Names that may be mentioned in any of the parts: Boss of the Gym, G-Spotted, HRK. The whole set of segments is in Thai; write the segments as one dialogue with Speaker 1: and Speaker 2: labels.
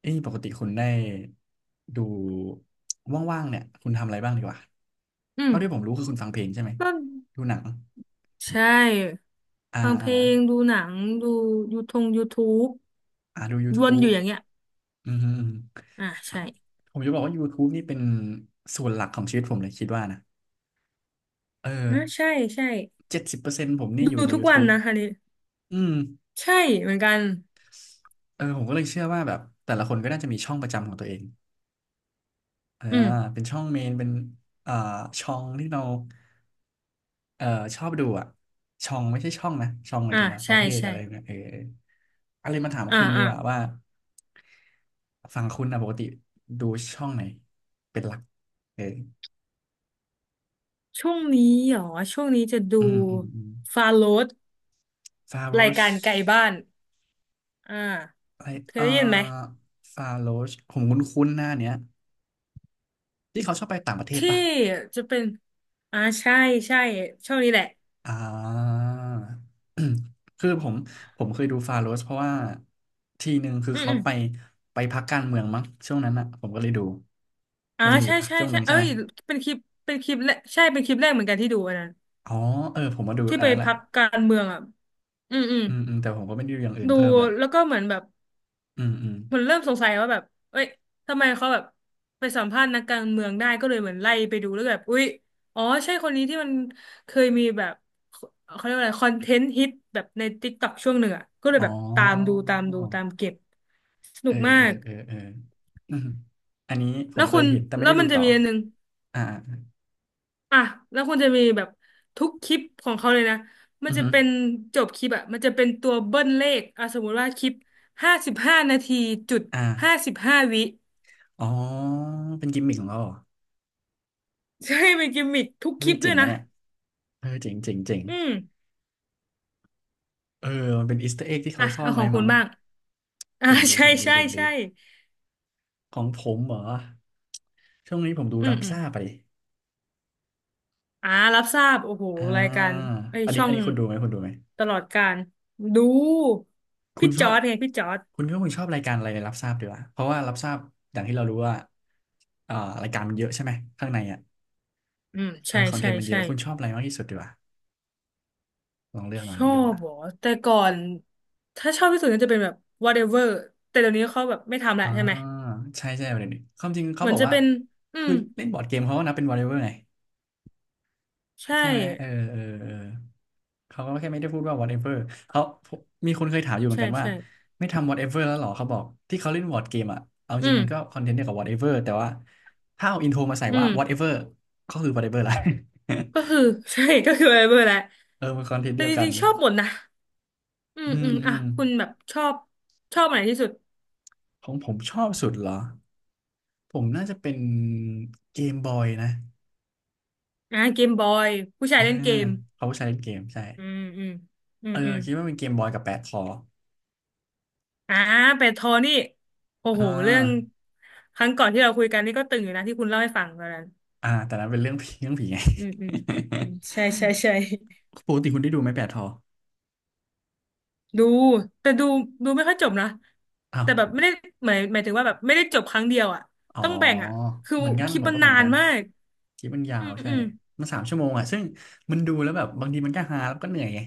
Speaker 1: เอ้ยปกติคุณได้ดูว่างๆเนี่ยคุณทำอะไรบ้างดีกว่า
Speaker 2: อืม
Speaker 1: เท่าที่ผมรู้คือคุณฟังเพลงใช่ไหม
Speaker 2: ก็
Speaker 1: ดูหนัง
Speaker 2: ใช่
Speaker 1: อ่า
Speaker 2: ฟังเพ
Speaker 1: อ่า
Speaker 2: ลงดูหนังดูยูทงยูทู
Speaker 1: อ่าดู
Speaker 2: บวนอ
Speaker 1: YouTube
Speaker 2: ยู่อย่างเงี้ย
Speaker 1: อืมฮึอืม
Speaker 2: อ่ะ
Speaker 1: ฮึ
Speaker 2: ใช่
Speaker 1: ผมจะบอกว่า YouTube นี่เป็นส่วนหลักของชีวิตผมเลยคิดว่านะเออ
Speaker 2: อ่ะใช่ใช่
Speaker 1: 70%ผมนี่
Speaker 2: ดู
Speaker 1: อยู่ใน
Speaker 2: ทุกวัน
Speaker 1: YouTube
Speaker 2: นะคันนี้
Speaker 1: อืม
Speaker 2: ใช่เหมือนกัน
Speaker 1: เออผมก็เลยเชื่อว่าแบบแต่ละคนก็น่าจะมีช่องประจำของตัวเองอ่า
Speaker 2: อืม
Speaker 1: เป็นช่องเมนเป็นอ่าช่องที่เรา เออชอบดูอ่ะช่องไม่ใช่ช่องนะช่องหมาย
Speaker 2: อ่ะ
Speaker 1: ถึงว่าป
Speaker 2: ใช่
Speaker 1: ระเภท
Speaker 2: ใช่
Speaker 1: อะไรเนี่ยเอออะไรมาถาม
Speaker 2: อ่ะ
Speaker 1: คุณดี
Speaker 2: อ่ะ
Speaker 1: กว่าว่าฝั่งคุณอ่ะปกติดูช่องไหนเป็นหลักเออ
Speaker 2: ช่วงนี้เหรอช่วงนี้จะดู
Speaker 1: อืมอืมอืม
Speaker 2: ฟาโรส
Speaker 1: ฟาโร
Speaker 2: ราย
Speaker 1: ส
Speaker 2: การไกลบ้านอ่า
Speaker 1: อะไร
Speaker 2: เคย
Speaker 1: เอ่อ
Speaker 2: ได้ยินไหม
Speaker 1: ฟาโรสผมคุ้นๆหน้าเนี้ยที่เขาชอบไปต่างประเทศ
Speaker 2: ที่
Speaker 1: ป่ะ
Speaker 2: จะเป็นอ่าใช่ใช่ช่วงนี้แหละ
Speaker 1: อ่า อืมคือผมเคยดูฟาโรสเพราะว่าทีหนึ่งคือ
Speaker 2: อืม
Speaker 1: เขา
Speaker 2: อืม
Speaker 1: ไปพักการเมืองมั้งช่วงนั้นอ่ะผมก็เลยดู
Speaker 2: อา
Speaker 1: มันจะมีอ
Speaker 2: ใช่
Speaker 1: ยู่
Speaker 2: ใช่
Speaker 1: ช่วงห
Speaker 2: ใช่
Speaker 1: นึ่งใช่
Speaker 2: เอ้
Speaker 1: ไหม
Speaker 2: ยเป็นคลิปเป็นคลิปแรกใช่เป็นคลิปแรกเหมือนกันที่ดูอันนั้น
Speaker 1: อ๋อเออผมมาดู
Speaker 2: ที่
Speaker 1: อัน
Speaker 2: ไป
Speaker 1: นั้นแห
Speaker 2: พ
Speaker 1: ละ
Speaker 2: รรคการเมืองอ่ะอืมอืม
Speaker 1: อืมอืมแต่ผมก็ไม่ได้ดูอย่างอื่น
Speaker 2: ดู
Speaker 1: เพิ่มละ
Speaker 2: แล้วก็เหมือนแบบ
Speaker 1: อืมอืม
Speaker 2: มันเริ่มสงสัยว่าแบบเอ้ยทำไมเขาแบบไปสัมภาษณ์นักการเมืองได้ก็เลยเหมือนไล่ไปดูแล้วแบบอุ๊ยอ๋อใช่คนนี้ที่มันเคยมีแบบเขาเรียกว่าอะไรคอนเทนต์ฮิตแบบใน TikTok ช่วงหนึ่งอ่ะก็เลย
Speaker 1: อ๋อ
Speaker 2: แบบตามดูตามดูตามเก็บสนุ
Speaker 1: เออ
Speaker 2: กมา
Speaker 1: เออ
Speaker 2: ก
Speaker 1: เออเออ อืมอันนี้ผ
Speaker 2: แล้
Speaker 1: ม
Speaker 2: ว
Speaker 1: เค
Speaker 2: คุ
Speaker 1: ย
Speaker 2: ณ
Speaker 1: เห็นแต่ไม่
Speaker 2: แล้ว
Speaker 1: ได้ดู
Speaker 2: มันจะ
Speaker 1: ต่อ
Speaker 2: มีอันหนึ่ง
Speaker 1: อ่า
Speaker 2: อ่ะแล้วคุณจะมีแบบทุกคลิปของเขาเลยนะมั
Speaker 1: อื
Speaker 2: น
Speaker 1: อ
Speaker 2: จะ
Speaker 1: ฮึ
Speaker 2: เป็นจบคลิปอะมันจะเป็นตัวเบิ้ลเลขอ่ะสมมุติว่าคลิป55 นาทีจุดห้า
Speaker 1: อ่า
Speaker 2: สิบห้าวิ
Speaker 1: อ๋อเป็นกิมมิคของเขาเหรอ
Speaker 2: ใช่เป็นกิมมิคทุกค
Speaker 1: เฮ้
Speaker 2: ลิ
Speaker 1: ย
Speaker 2: ปด้
Speaker 1: เจ๋
Speaker 2: ว
Speaker 1: ง
Speaker 2: ย
Speaker 1: นะ
Speaker 2: นะ
Speaker 1: เนี่ยเออเจ๋งเจ๋งเจ๋ง
Speaker 2: อืม
Speaker 1: เออมันเป็นอีสเตอร์เอ็กที่
Speaker 2: อ่ะ
Speaker 1: เขาซ่อ
Speaker 2: เอา
Speaker 1: น
Speaker 2: ข
Speaker 1: ไว้
Speaker 2: องคุ
Speaker 1: มั้
Speaker 2: ณ
Speaker 1: ง
Speaker 2: บ้างอ่ะ
Speaker 1: เจ๋ง ดี
Speaker 2: ใช่
Speaker 1: เจ๋งดี
Speaker 2: ใช่
Speaker 1: เจ๋งดี
Speaker 2: ใช่
Speaker 1: ของผมเหรอช่วงนี้ผมดู
Speaker 2: อื
Speaker 1: รั
Speaker 2: ม
Speaker 1: บ
Speaker 2: อืม
Speaker 1: ซ่าไป
Speaker 2: อ่ารับทราบโอ้โห
Speaker 1: อ่
Speaker 2: รายกา
Speaker 1: า
Speaker 2: รไอย
Speaker 1: อันนี้
Speaker 2: ช่อ
Speaker 1: อัน
Speaker 2: ง
Speaker 1: นี้คุณดูไหมคุณดูไหม
Speaker 2: ตลอดการดู
Speaker 1: คุ
Speaker 2: พี่
Speaker 1: ณช
Speaker 2: จ
Speaker 1: อ
Speaker 2: อ
Speaker 1: บ
Speaker 2: ร์ดไงพี่จอร์ด
Speaker 1: คุณก็คงชอบรายการอะไรในรับทราบดีวะเพราะว่ารับทราบอย่างที่เรารู้ว่าอ่ารายการมันเยอะใช่ไหมข้างในอ่ะ
Speaker 2: อืม
Speaker 1: เอ
Speaker 2: ใช่
Speaker 1: อคอนเท
Speaker 2: ใช่
Speaker 1: นต์มันเย
Speaker 2: ใช่
Speaker 1: อะคุณชอบอะไรมากที่สุดดีวะลองเลือกมา
Speaker 2: ช
Speaker 1: ลอ
Speaker 2: อ
Speaker 1: งเลือก
Speaker 2: บ
Speaker 1: มา
Speaker 2: เหรอแต่ก่อนถ้าชอบที่สุดก็จะเป็นแบบ whatever แต่เดี๋ยวนี้เขาแบบไม่ทำละ
Speaker 1: อ่า
Speaker 2: ใช่ไหม
Speaker 1: ใช่ใช่ประเด็นนี้ความจริง
Speaker 2: เห
Speaker 1: เขา
Speaker 2: มือ
Speaker 1: บ
Speaker 2: น
Speaker 1: อก
Speaker 2: จะ
Speaker 1: ว่า
Speaker 2: เป็นอื
Speaker 1: คื
Speaker 2: ม
Speaker 1: อเล่นบอร์ดเกมเขาก็นับเป็นวอลเลย์บอลไง
Speaker 2: ใช่
Speaker 1: ใช่ไหมเออเออเออเขาก็แค่ไม่ได้พูดว่า whatever เขา มีคนเคยถามอยู่เหมือน
Speaker 2: ใช่
Speaker 1: กันว่า
Speaker 2: ใช่
Speaker 1: ไม่ทำ whatever แล้วเหรอ เขาบอก ที่เขาเล่นวอร์ g เกมอะเอา
Speaker 2: อื
Speaker 1: จริงมันก็
Speaker 2: ม
Speaker 1: คอนเทนต์เดียวกับ whatever แต่ว่า ถ้าเอาอินโทรมาใส่
Speaker 2: อื
Speaker 1: ว่า
Speaker 2: ม
Speaker 1: whatever ก็คือ whatever ละ
Speaker 2: ก็คือ ใช่ก็คือ whatever แหละ
Speaker 1: เออมันคอนเทนต์
Speaker 2: แต่
Speaker 1: เดียว
Speaker 2: จ
Speaker 1: กั
Speaker 2: ริ
Speaker 1: น
Speaker 2: งๆชอบหมดนะอื
Speaker 1: อื
Speaker 2: มอื
Speaker 1: ม
Speaker 2: ม
Speaker 1: อื
Speaker 2: อ่ะ
Speaker 1: ม
Speaker 2: คุณแบบชอบอันไหนที่สุด
Speaker 1: ของผมชอบสุดเหรอ ผมน่าจะเป็นเกมบอยนะ
Speaker 2: อ่ะเกมบอยผู้
Speaker 1: เอ
Speaker 2: ชาย
Speaker 1: อ
Speaker 2: เล่นเกม
Speaker 1: เขาใช้เล่นเกมใช่
Speaker 2: อืมอืมอืม
Speaker 1: เออ
Speaker 2: อืม
Speaker 1: คิดว่าเป็นเกมบอยกับแปดคอ
Speaker 2: อ่าเป็ดทอนี่โอ้
Speaker 1: อ่
Speaker 2: โหเรื่อง
Speaker 1: า
Speaker 2: ครั้งก่อนที่เราคุยกันนี่ก็ตึงอยู่นะที่คุณเล่าให้ฟังตอนนั้น
Speaker 1: อ่าแต่นั้นเป็นเรื่อง ผีเรื่องผีไง
Speaker 2: อืมอืมอืม ใช่ใช่ใช่
Speaker 1: ปกติคุณได้ดูไหมแปดทอ
Speaker 2: ดูแต่ดูดูไม่ค่อยจบนะ
Speaker 1: อ้าว
Speaker 2: แต่แบบไม่ได้หมายถึงว่าแบบไม่ได้จบครั้งเดียวอ่ะ
Speaker 1: อ๋อ
Speaker 2: ต้องแบ่งอ่ะคือ
Speaker 1: เหมือนกั
Speaker 2: ค
Speaker 1: น
Speaker 2: ลิป
Speaker 1: ผม
Speaker 2: มัน
Speaker 1: ก็เหมื
Speaker 2: นา
Speaker 1: อน
Speaker 2: น
Speaker 1: กัน
Speaker 2: มาก
Speaker 1: คลิปมันยา
Speaker 2: อื
Speaker 1: ว
Speaker 2: ม
Speaker 1: ใช่
Speaker 2: อืม
Speaker 1: มัน3 ชั่วโมงอ่ะซึ่งมันดูแล้วแบบบางทีมันก็ฮาแล้วก็เหนื่อยไง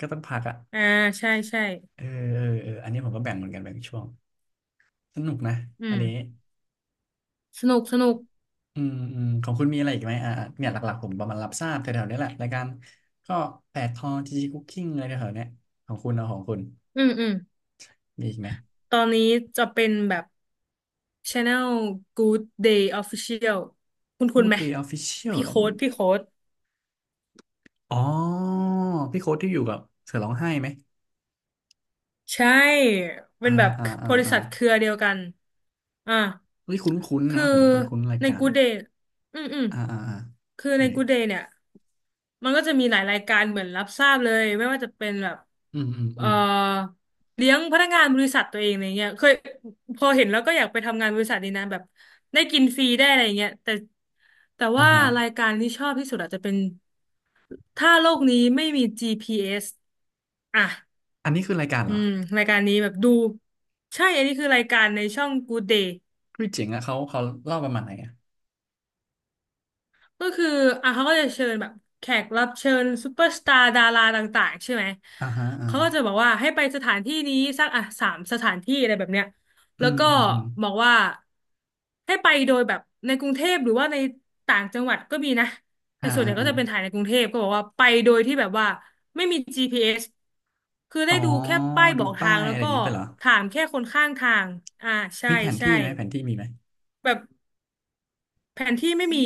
Speaker 1: ก็ต้องพักอ่ะ
Speaker 2: อ่าใช่ใช่
Speaker 1: เออเออเอออันนี้ผมก็แบ่งเหมือนกันแบ่งช่วงสนุกนะ
Speaker 2: อื
Speaker 1: อันนี้
Speaker 2: มสนุกสนุก
Speaker 1: อืมอืมของคุณมีอะไรอีกไหมอ่าเนี่ยหลักๆผมประมาณรับทราบแถวๆนี้แหละรายการก็แปดทอจีจีคุกกิ้งอะไรแถวๆเนี้ยของคุณเอาของคุณ
Speaker 2: อืมอืม
Speaker 1: มีอีกไหม
Speaker 2: ตอนนี้จะเป็นแบบ Channel Good Day Official คุณ
Speaker 1: Good
Speaker 2: ไหม
Speaker 1: Day Official
Speaker 2: พี่
Speaker 1: เหรอ
Speaker 2: โค้ดพี่โค้ด
Speaker 1: อ๋อพี่โค้ดที่อยู่กับเสือร้องไห้ไหม
Speaker 2: ใช่ เป็
Speaker 1: อ่า
Speaker 2: นแบบ
Speaker 1: อ่าอ่า
Speaker 2: บริ
Speaker 1: อ่า
Speaker 2: ษัทเครือเดียวกันอ่า
Speaker 1: เฮ้ยคุ้นคุ้น
Speaker 2: คื
Speaker 1: นะ
Speaker 2: อ
Speaker 1: ผมคุ้นๆราย
Speaker 2: ใน
Speaker 1: การ
Speaker 2: กูเดย์อืมอืม
Speaker 1: อ่าอ่าอ่า
Speaker 2: คือ
Speaker 1: ยั
Speaker 2: ใน
Speaker 1: งไง
Speaker 2: กูเดย์เนี่ยมันก็จะมีหลายรายการเหมือนรับทราบเลยไม่ว่าจะเป็นแบบ
Speaker 1: อืมอืม
Speaker 2: เอ่
Speaker 1: อื
Speaker 2: อ
Speaker 1: ม
Speaker 2: เลี้ยงพนักงานบริษัทตัวเองอะไรเงี้ยเคยพอเห็นแล้วก็อยากไปทำงานบริษัทดีนะแบบได้กินฟรีได้อะไรเงี้ยแต่แต่
Speaker 1: อ่า
Speaker 2: ว่า
Speaker 1: ฮะ
Speaker 2: รายการที่ชอบที่สุดอาจจะเป็นถ้าโลกนี้ไม่มี GPS อสอ่ะ
Speaker 1: อันนี้คือรายการ
Speaker 2: อื
Speaker 1: เหรอ
Speaker 2: มรายการนี้แบบดูใช่อันนี้คือรายการในช่อง Good Day
Speaker 1: คือเจ๋งอะเขาเล่าประมาณไหนอะ
Speaker 2: ก็คืออ่ะเขาก็จะเชิญแบบแขกรับเชิญซูเปอร์สตาร์ดาราต่างๆใช่ไหม
Speaker 1: อ่าฮะอ่า
Speaker 2: เขาก็จะบอกว่าให้ไปสถานที่นี้สักอ่ะสามสถานที่อะไรแบบเนี้ย
Speaker 1: อื
Speaker 2: แล้ว
Speaker 1: ม
Speaker 2: ก็
Speaker 1: อืมอืม
Speaker 2: บอกว่าให้ไปโดยแบบในกรุงเทพหรือว่าในต่างจังหวัดก็มีนะแต่
Speaker 1: อ่า
Speaker 2: ส่วน
Speaker 1: อ่า
Speaker 2: ใหญ่ก็
Speaker 1: อ่า
Speaker 2: จะเป็นถ่ายในกรุงเทพก็บอกว่าไปโดยที่แบบว่าไม่มี GPS คือ
Speaker 1: อ๋
Speaker 2: ได้
Speaker 1: อ
Speaker 2: ดูแค่ป้ายบ
Speaker 1: ดู
Speaker 2: อก
Speaker 1: ป้า
Speaker 2: ทาง
Speaker 1: ย
Speaker 2: แล้
Speaker 1: อะ
Speaker 2: ว
Speaker 1: ไรอ
Speaker 2: ก็
Speaker 1: ย่างงี้ไปเหรอ
Speaker 2: ถามแค่คนข้างทางอ่าใช่
Speaker 1: มีแผน
Speaker 2: ใช่
Speaker 1: ที่ไหมแผนที่มีไหม
Speaker 2: แบบแผนที่ไม่มี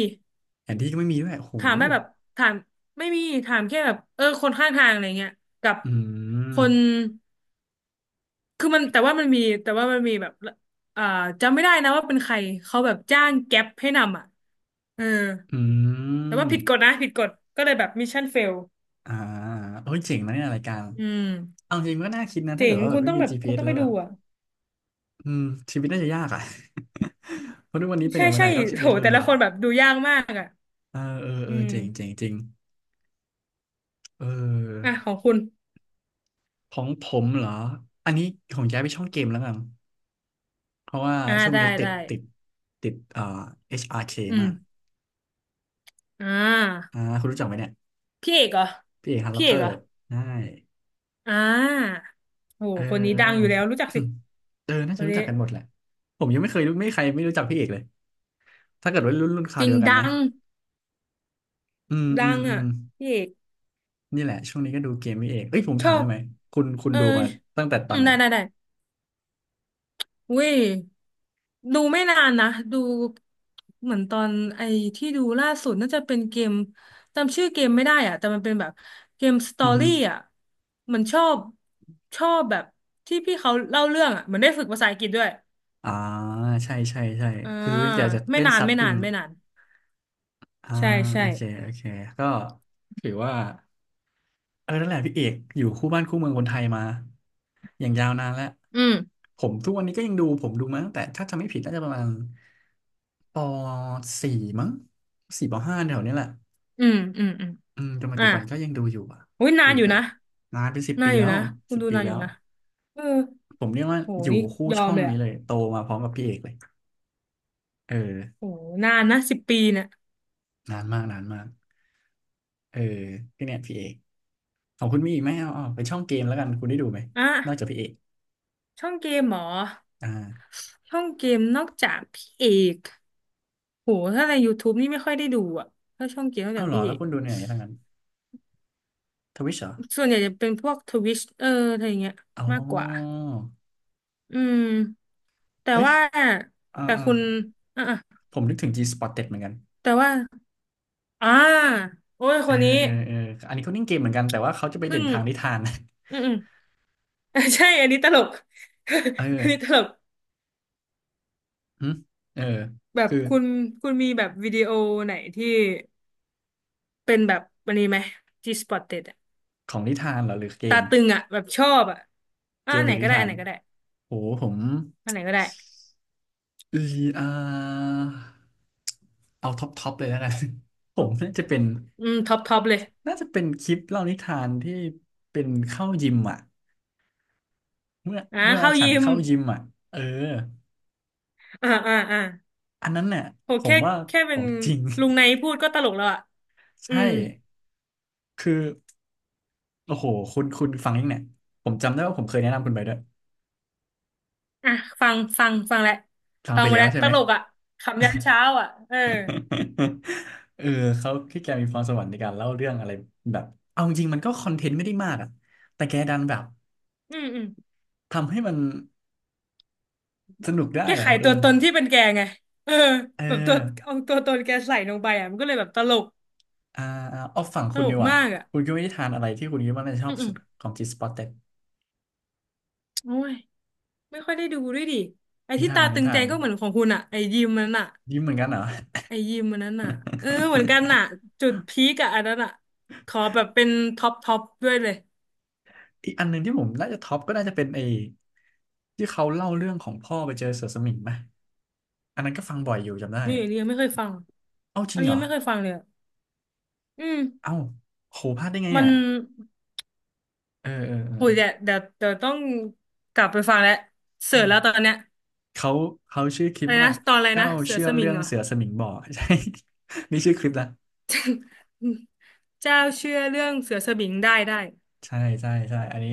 Speaker 1: แผนที่ก็ไม่มีด้วยโอ้โห
Speaker 2: ถามไม่แบบถามไม่มีถามแค่แบบเออคนข้างทางอะไรเงี้ยกับ
Speaker 1: อื
Speaker 2: คน
Speaker 1: ม
Speaker 2: คือมันแต่ว่ามันมีแบบอ่าจำไม่ได้นะว่าเป็นใครเขาแบบจ้างแก๊ปให้นำอ่ะเออ
Speaker 1: อื
Speaker 2: แต่ว่าผิดกฎ
Speaker 1: ม
Speaker 2: นะผิดกฎก็เลยแบบมิชชั่นเฟล
Speaker 1: อ่าเฮ้ยเจ๋งนะเนี่ยรายการ
Speaker 2: อืม
Speaker 1: เอาจริงก็น่าคิดนะถ้า
Speaker 2: เจ๋
Speaker 1: เกิด
Speaker 2: ง
Speaker 1: ว่าแบ
Speaker 2: คุ
Speaker 1: บ
Speaker 2: ณ
Speaker 1: ไม่
Speaker 2: ต้อง
Speaker 1: มี
Speaker 2: แบบคุณ
Speaker 1: GPS
Speaker 2: ต้อง
Speaker 1: แล้
Speaker 2: ไป
Speaker 1: วแบ
Speaker 2: ดู
Speaker 1: บ
Speaker 2: อ่ะ
Speaker 1: อืมชีวิตน่าจะยากอ่ะ เพราะทุกวันนี้ไปไห
Speaker 2: ใช่
Speaker 1: นมาไห
Speaker 2: ใช่
Speaker 1: นก็ชีวิ
Speaker 2: โห
Speaker 1: ต
Speaker 2: แต่
Speaker 1: รั
Speaker 2: ละ
Speaker 1: ว
Speaker 2: คนแบบดูยากมากอ่ะ
Speaker 1: ๆเออเออเอ
Speaker 2: อื
Speaker 1: อ
Speaker 2: ม
Speaker 1: เจ๋งเจ๋งจริงเออ
Speaker 2: อ่ะของคุณ
Speaker 1: ของผมเหรออันนี้ของย้ายไปช่องเกมแล้วกันเพราะว่า
Speaker 2: อ่า
Speaker 1: ช่วง
Speaker 2: ได้
Speaker 1: นี้ติด
Speaker 2: ได้
Speaker 1: ติดติดHRK
Speaker 2: อืม
Speaker 1: มาก
Speaker 2: อ่า
Speaker 1: อ่าคุณรู้จักไหมเนี่ย
Speaker 2: พี่เอกเหรอ
Speaker 1: พี่เอกฮันล็
Speaker 2: พี่
Speaker 1: อก
Speaker 2: เอ
Speaker 1: เกอ
Speaker 2: กเหร
Speaker 1: ร์
Speaker 2: อ
Speaker 1: ใช่
Speaker 2: อ่าโห
Speaker 1: เออ
Speaker 2: คนนี้
Speaker 1: เออ
Speaker 2: ดังอยู่แล้วรู้จัก สิ
Speaker 1: เออน่า
Speaker 2: ค
Speaker 1: จะ
Speaker 2: น
Speaker 1: รู้
Speaker 2: นี้
Speaker 1: จักกันหมดแหละผมยังไม่เคยรู้ไม่มีใครไม่รู้จักพี่เอกเลยถ้าเกิดว่ารุ่นค
Speaker 2: จ
Speaker 1: ราว
Speaker 2: ริ
Speaker 1: เดี
Speaker 2: ง
Speaker 1: ยวกัน
Speaker 2: ดั
Speaker 1: นะ
Speaker 2: ง
Speaker 1: อืม
Speaker 2: ดั
Speaker 1: อืม
Speaker 2: ง
Speaker 1: อื
Speaker 2: อ่ะ
Speaker 1: ม
Speaker 2: พี่เอก
Speaker 1: นี่แหละช่วงนี้ก็ดูเกมนี่เองเอ้ยผม
Speaker 2: ช
Speaker 1: ถา
Speaker 2: อ
Speaker 1: มได้
Speaker 2: บ
Speaker 1: ไหมคุณคุณ
Speaker 2: เออ
Speaker 1: ดูมาตั้งแต่ต
Speaker 2: อื
Speaker 1: อน
Speaker 2: ม
Speaker 1: ไหน
Speaker 2: ได้ได้ได้อุ้ยดูไม่นานนะดูเหมือนตอนไอ้ที่ดูล่าสุดน่าจะเป็นเกมจำชื่อเกมไม่ได้อ่ะแต่มันเป็นแบบเกมสตอ
Speaker 1: อือฮึ
Speaker 2: รี่อ่ะเหมันชอบแบบที่พี่เขาเล่าเรื่องอ่ะเหมือนได้ฝึกภาษาอังกฤษด้วย
Speaker 1: อ่าใช่ใช่ใช่
Speaker 2: อ่า
Speaker 1: คืออยากจะ
Speaker 2: ไม่
Speaker 1: เล่น
Speaker 2: นาน
Speaker 1: ซับ
Speaker 2: ไม่
Speaker 1: อิ
Speaker 2: นา
Speaker 1: ง
Speaker 2: นไม่นาน
Speaker 1: อ่า
Speaker 2: ใช่
Speaker 1: โอ
Speaker 2: ใช่
Speaker 1: เคโอเคก็ถือว่าเออนั่นแหละพี่เอกอยู่คู่บ้านคู่เมืองคนไทยมาอย่างยาวนานแล้ว
Speaker 2: อืม
Speaker 1: ผมทุกวันนี้ก็ยังดูผมดูมาตั้งแต่ถ้าจำไม่ผิดน่าจะประมาณปสี่มั้งสี่ปห้าแถวเนี้ยแหละ
Speaker 2: อืมอืมอืม
Speaker 1: อืมจนปัจ
Speaker 2: อ่ะ
Speaker 1: จุบันก็ยังดูอยู่อ่ะ
Speaker 2: อุ้ย
Speaker 1: คื
Speaker 2: นา
Speaker 1: อ
Speaker 2: นอยู่
Speaker 1: แบบ
Speaker 2: นะ
Speaker 1: นานเป็นสิบ
Speaker 2: นา
Speaker 1: ปี
Speaker 2: นอ
Speaker 1: แล้
Speaker 2: ยู่
Speaker 1: ว
Speaker 2: นะคุณ
Speaker 1: สิบ
Speaker 2: ดู
Speaker 1: ปี
Speaker 2: นานอ
Speaker 1: แล้
Speaker 2: ยู่
Speaker 1: ว
Speaker 2: นะเออ
Speaker 1: ผมเรียกว่า
Speaker 2: โห
Speaker 1: อยู่
Speaker 2: นี่
Speaker 1: คู่
Speaker 2: ยอ
Speaker 1: ช่
Speaker 2: ม
Speaker 1: อง
Speaker 2: เลย
Speaker 1: นี้
Speaker 2: อ่ะ
Speaker 1: เลยโตมาพร้อมกับพี่เอกเลยเออ
Speaker 2: โหนานนะ10 ปีเนี่ย
Speaker 1: นานมากนานมากเออพี่เนี่ยพี่เอกของคุณมีอีกไหมเอาเอาเป็นช่องเกมแล้วกันคุณได้ดูไหม
Speaker 2: อ่ะ
Speaker 1: นอกจากพี่เอก
Speaker 2: ช่องเกมเหรอ
Speaker 1: อ่า
Speaker 2: ช่องเกมนอกจากพี่เอกโหถ้าใน YouTube นี่ไม่ค่อยได้ดูอ่ะถ้าช่องเกมนอก
Speaker 1: เอา
Speaker 2: จาก
Speaker 1: เหรอ
Speaker 2: พี่เอ
Speaker 1: แล้ว
Speaker 2: ก
Speaker 1: คุณดูในไหนทั้งนั้นทวิชเหรอ
Speaker 2: ส่วนใหญ่จะเป็นพวกทวิชเอออะไรอย่างเงี้ย
Speaker 1: อ๋อ
Speaker 2: มากกว่าอืมแต่
Speaker 1: เอ้ย
Speaker 2: ว่า
Speaker 1: อ่า
Speaker 2: แต่
Speaker 1: อ่า
Speaker 2: คุณอ่ะอ่ะ
Speaker 1: ผมนึกถึง G-Spotted เหมือนกัน
Speaker 2: แต่ว่าอ่าโอ้ย
Speaker 1: เอ
Speaker 2: ค
Speaker 1: อ
Speaker 2: นนี้
Speaker 1: เอออันนี้เขาเล่นเกมเหมือนกันแต่ว่าเขาจะไปเด่
Speaker 2: เพิ่
Speaker 1: น
Speaker 2: ง
Speaker 1: ทางนิทาน
Speaker 2: อืมอืม ใช่อันนี้ตลก อันนี้
Speaker 1: เอ
Speaker 2: ต
Speaker 1: อ
Speaker 2: ลก
Speaker 1: หึเออ
Speaker 2: แบบ
Speaker 1: คือ
Speaker 2: คุณคุณมีแบบวิดีโอไหนที่เป็นแบบวันนี้ไหมที่สปอตเ e ็ดอะ
Speaker 1: ของนิทานเหรอหรือเก
Speaker 2: ตา
Speaker 1: ม
Speaker 2: ตึงอะแบบชอบอะ
Speaker 1: เก
Speaker 2: อ่ะ
Speaker 1: ม
Speaker 2: อัน
Speaker 1: ห
Speaker 2: ไห
Speaker 1: รื
Speaker 2: น
Speaker 1: อนิ
Speaker 2: ก็ได้
Speaker 1: ทา
Speaker 2: อัน
Speaker 1: น
Speaker 2: ไหนก็ได้
Speaker 1: โหผม
Speaker 2: อันไหนก็ได้
Speaker 1: เอออ่าเอาท็อปท็อปเลยแล้วกัน ผ
Speaker 2: โห
Speaker 1: มน่าจะเป็น
Speaker 2: อืมท็อปท็อปเลย
Speaker 1: น่าจะเป็นคลิปเล่านิทานที่เป็นเข้ายิมอ่ะเมื่อ
Speaker 2: อ่ะ
Speaker 1: เมื่อ
Speaker 2: เข้า
Speaker 1: ฉั
Speaker 2: ยิ
Speaker 1: น
Speaker 2: ม
Speaker 1: เข้ายิมอ่ะเออ
Speaker 2: อ่าอ่าอ่า
Speaker 1: อันนั้นเนี่ย
Speaker 2: โห
Speaker 1: ผม
Speaker 2: แค่
Speaker 1: ว่าข
Speaker 2: เป็
Speaker 1: อ
Speaker 2: น
Speaker 1: งจริง
Speaker 2: ลุงไนพูดก็ตลกแล้วอ่ะ อื
Speaker 1: ใช่
Speaker 2: ม
Speaker 1: คือโอ้โหคุณฟังยังเนี่ยผมจำได้ว่าผมเคยแนะนำคุณไปด้วย
Speaker 2: อ่ะฟังฟังฟังแล้ว
Speaker 1: ฟัง
Speaker 2: ฟัง
Speaker 1: ไป
Speaker 2: หมา
Speaker 1: แล้ว
Speaker 2: แล้ว
Speaker 1: ใช่
Speaker 2: ต
Speaker 1: ไหม
Speaker 2: ลกอะขำยันเช้าอะเออ
Speaker 1: เออเขาที่แกมีพรสวรรค์ในการเล่าเรื่องอะไรแบบเอาจริงๆมันก็คอนเทนต์ไม่ได้มากอ่ะแต่แกดันแบบ
Speaker 2: อืมอืม
Speaker 1: ทำให้มัน สนุกได้
Speaker 2: แกไข
Speaker 1: อะเออ
Speaker 2: ตัวตนที่เป็นแกไงเออ
Speaker 1: เออ
Speaker 2: แบบตัวเอาตัวตนแกใส่ลงไปอ่ะมันก็เลยแบบตลก
Speaker 1: อ่าอ่าเอาฝั่ง
Speaker 2: ต
Speaker 1: คุณ
Speaker 2: ล
Speaker 1: ดี
Speaker 2: ก
Speaker 1: กว่า
Speaker 2: มากอ่ะ
Speaker 1: คุณคิดว่านิทานอะไรที่คุณคิดว่าน่าจะช
Speaker 2: อื
Speaker 1: อ
Speaker 2: ม
Speaker 1: บ
Speaker 2: อื
Speaker 1: สุ
Speaker 2: ม
Speaker 1: ดของจีสปอ o เต็ด
Speaker 2: โอ้ยไม่ค่อยได้ดูด้วยดิไอ้
Speaker 1: นิ
Speaker 2: ที่
Speaker 1: ทา
Speaker 2: ตา
Speaker 1: นนิ
Speaker 2: ตึง
Speaker 1: ทา
Speaker 2: ใจ
Speaker 1: น
Speaker 2: ก็เหมือนของคุณอะไอ้ยิมมัน
Speaker 1: ยิ้มเหมือนกันเหรอ
Speaker 2: นั้นอะเออเหมือนกันอะ จุดพีกอะอันนั้นอะขอแบบเป็นท็อปท็อปด้วยเลย
Speaker 1: อีกอันหนึ่งที่ผมน่าจะท็อปก็น่าจะเป็นไอ้ที่เขาเล่าเรื่องของพ่อไปเจอเสือสมิงไหมอันนั้นก็ฟังบ่อยอยู่จำได้
Speaker 2: นี่อันนี้ยังไม่เคยฟัง
Speaker 1: เอ้าจ
Speaker 2: อั
Speaker 1: ริ
Speaker 2: น
Speaker 1: ง
Speaker 2: นี้
Speaker 1: เหร
Speaker 2: ยั
Speaker 1: อ
Speaker 2: งไม่เคยฟังเลยอะอืม
Speaker 1: เอ้าโหพลาดได้ไง
Speaker 2: มั
Speaker 1: เนี่
Speaker 2: น
Speaker 1: ยเออเออ
Speaker 2: โหยเดี๋ย
Speaker 1: เอ
Speaker 2: วต้องกลับไปฟังแล้วเสือแล้วต
Speaker 1: อ
Speaker 2: อนเนี้ย
Speaker 1: เขาเขาชื่อคลิ
Speaker 2: อะ
Speaker 1: ป
Speaker 2: ไร
Speaker 1: ว่า
Speaker 2: นะตอนอะไร
Speaker 1: เจ้า
Speaker 2: นะ เสือ
Speaker 1: เชื่อ
Speaker 2: สมิ
Speaker 1: เรื่
Speaker 2: ง
Speaker 1: อง
Speaker 2: เหรอ
Speaker 1: เสือสมิงบ่อ ใช่ นี่ชื่อคลิปนะ
Speaker 2: อืมเจ้าเชื่อเรื่องเสือสมิงได้ได้
Speaker 1: ใช่ใช่ใช่อันนี้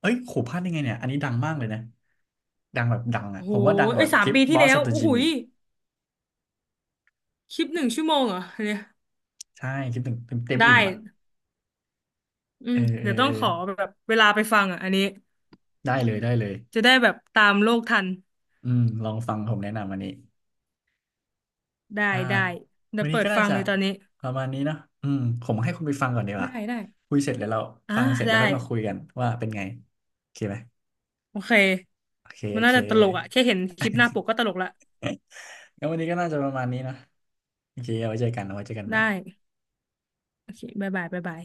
Speaker 1: เอ้ยขู่พลาดได้ไงเนี่ยอันนี้ดังมากเลยนะดังแบบดังอ่ะ
Speaker 2: โอ้
Speaker 1: ผ
Speaker 2: โห
Speaker 1: มว่าดังก
Speaker 2: ไอ้
Speaker 1: ว่า
Speaker 2: ยสา
Speaker 1: ค
Speaker 2: ม
Speaker 1: ลิป
Speaker 2: ปีที่แล้
Speaker 1: Boss
Speaker 2: ว
Speaker 1: of the
Speaker 2: โอ้โห
Speaker 1: Gym
Speaker 2: ย
Speaker 1: อีก
Speaker 2: คลิปหนึ่งชั่วโมงเหรอเนี่ย
Speaker 1: ใช่คลิปหนึ่งเต็มเต็ม
Speaker 2: ได้
Speaker 1: อิ่มอ่ะ
Speaker 2: อื
Speaker 1: เออ
Speaker 2: ม
Speaker 1: เอ
Speaker 2: เดี๋
Speaker 1: อ
Speaker 2: ยวต้อ
Speaker 1: เอ
Speaker 2: ง
Speaker 1: อ
Speaker 2: ขอแบบเวลาไปฟังอ่ะอันนี้
Speaker 1: ได้เลยได้เลย
Speaker 2: จะได้แบบตามโลกทัน
Speaker 1: อืมลองฟังผมแนะนำวันนี้
Speaker 2: ได้
Speaker 1: อ่า
Speaker 2: ได้เดี๋
Speaker 1: วั
Speaker 2: ย
Speaker 1: น
Speaker 2: ว
Speaker 1: นี้
Speaker 2: เปิด
Speaker 1: ก็น่า
Speaker 2: ฟัง
Speaker 1: จะ
Speaker 2: เลยตอนนี้
Speaker 1: ประมาณนี้เนาะอืมผมให้คุณไปฟังก่อนดีก
Speaker 2: ได้
Speaker 1: ว่า
Speaker 2: ได้
Speaker 1: คุยเสร็จแล้วเรา
Speaker 2: อ่า
Speaker 1: ฟังเสร็จแล้ว
Speaker 2: ได้
Speaker 1: ค่อยมาคุยกันว่าเป็นไงโอเคไหม
Speaker 2: โอเค
Speaker 1: โอเค
Speaker 2: มั
Speaker 1: โอ
Speaker 2: นน่า
Speaker 1: เค
Speaker 2: จะตลกอ่ะแค่เห็นคลิปหน้าปกก็ตลกละ
Speaker 1: งั้นวันนี้ก็น่าจะประมาณนี้นะโอเคเอาไว้เจอกันเอาไว้เจอกันใหม่
Speaker 2: ได้โอเคบ๊ายบายบ๊ายบาย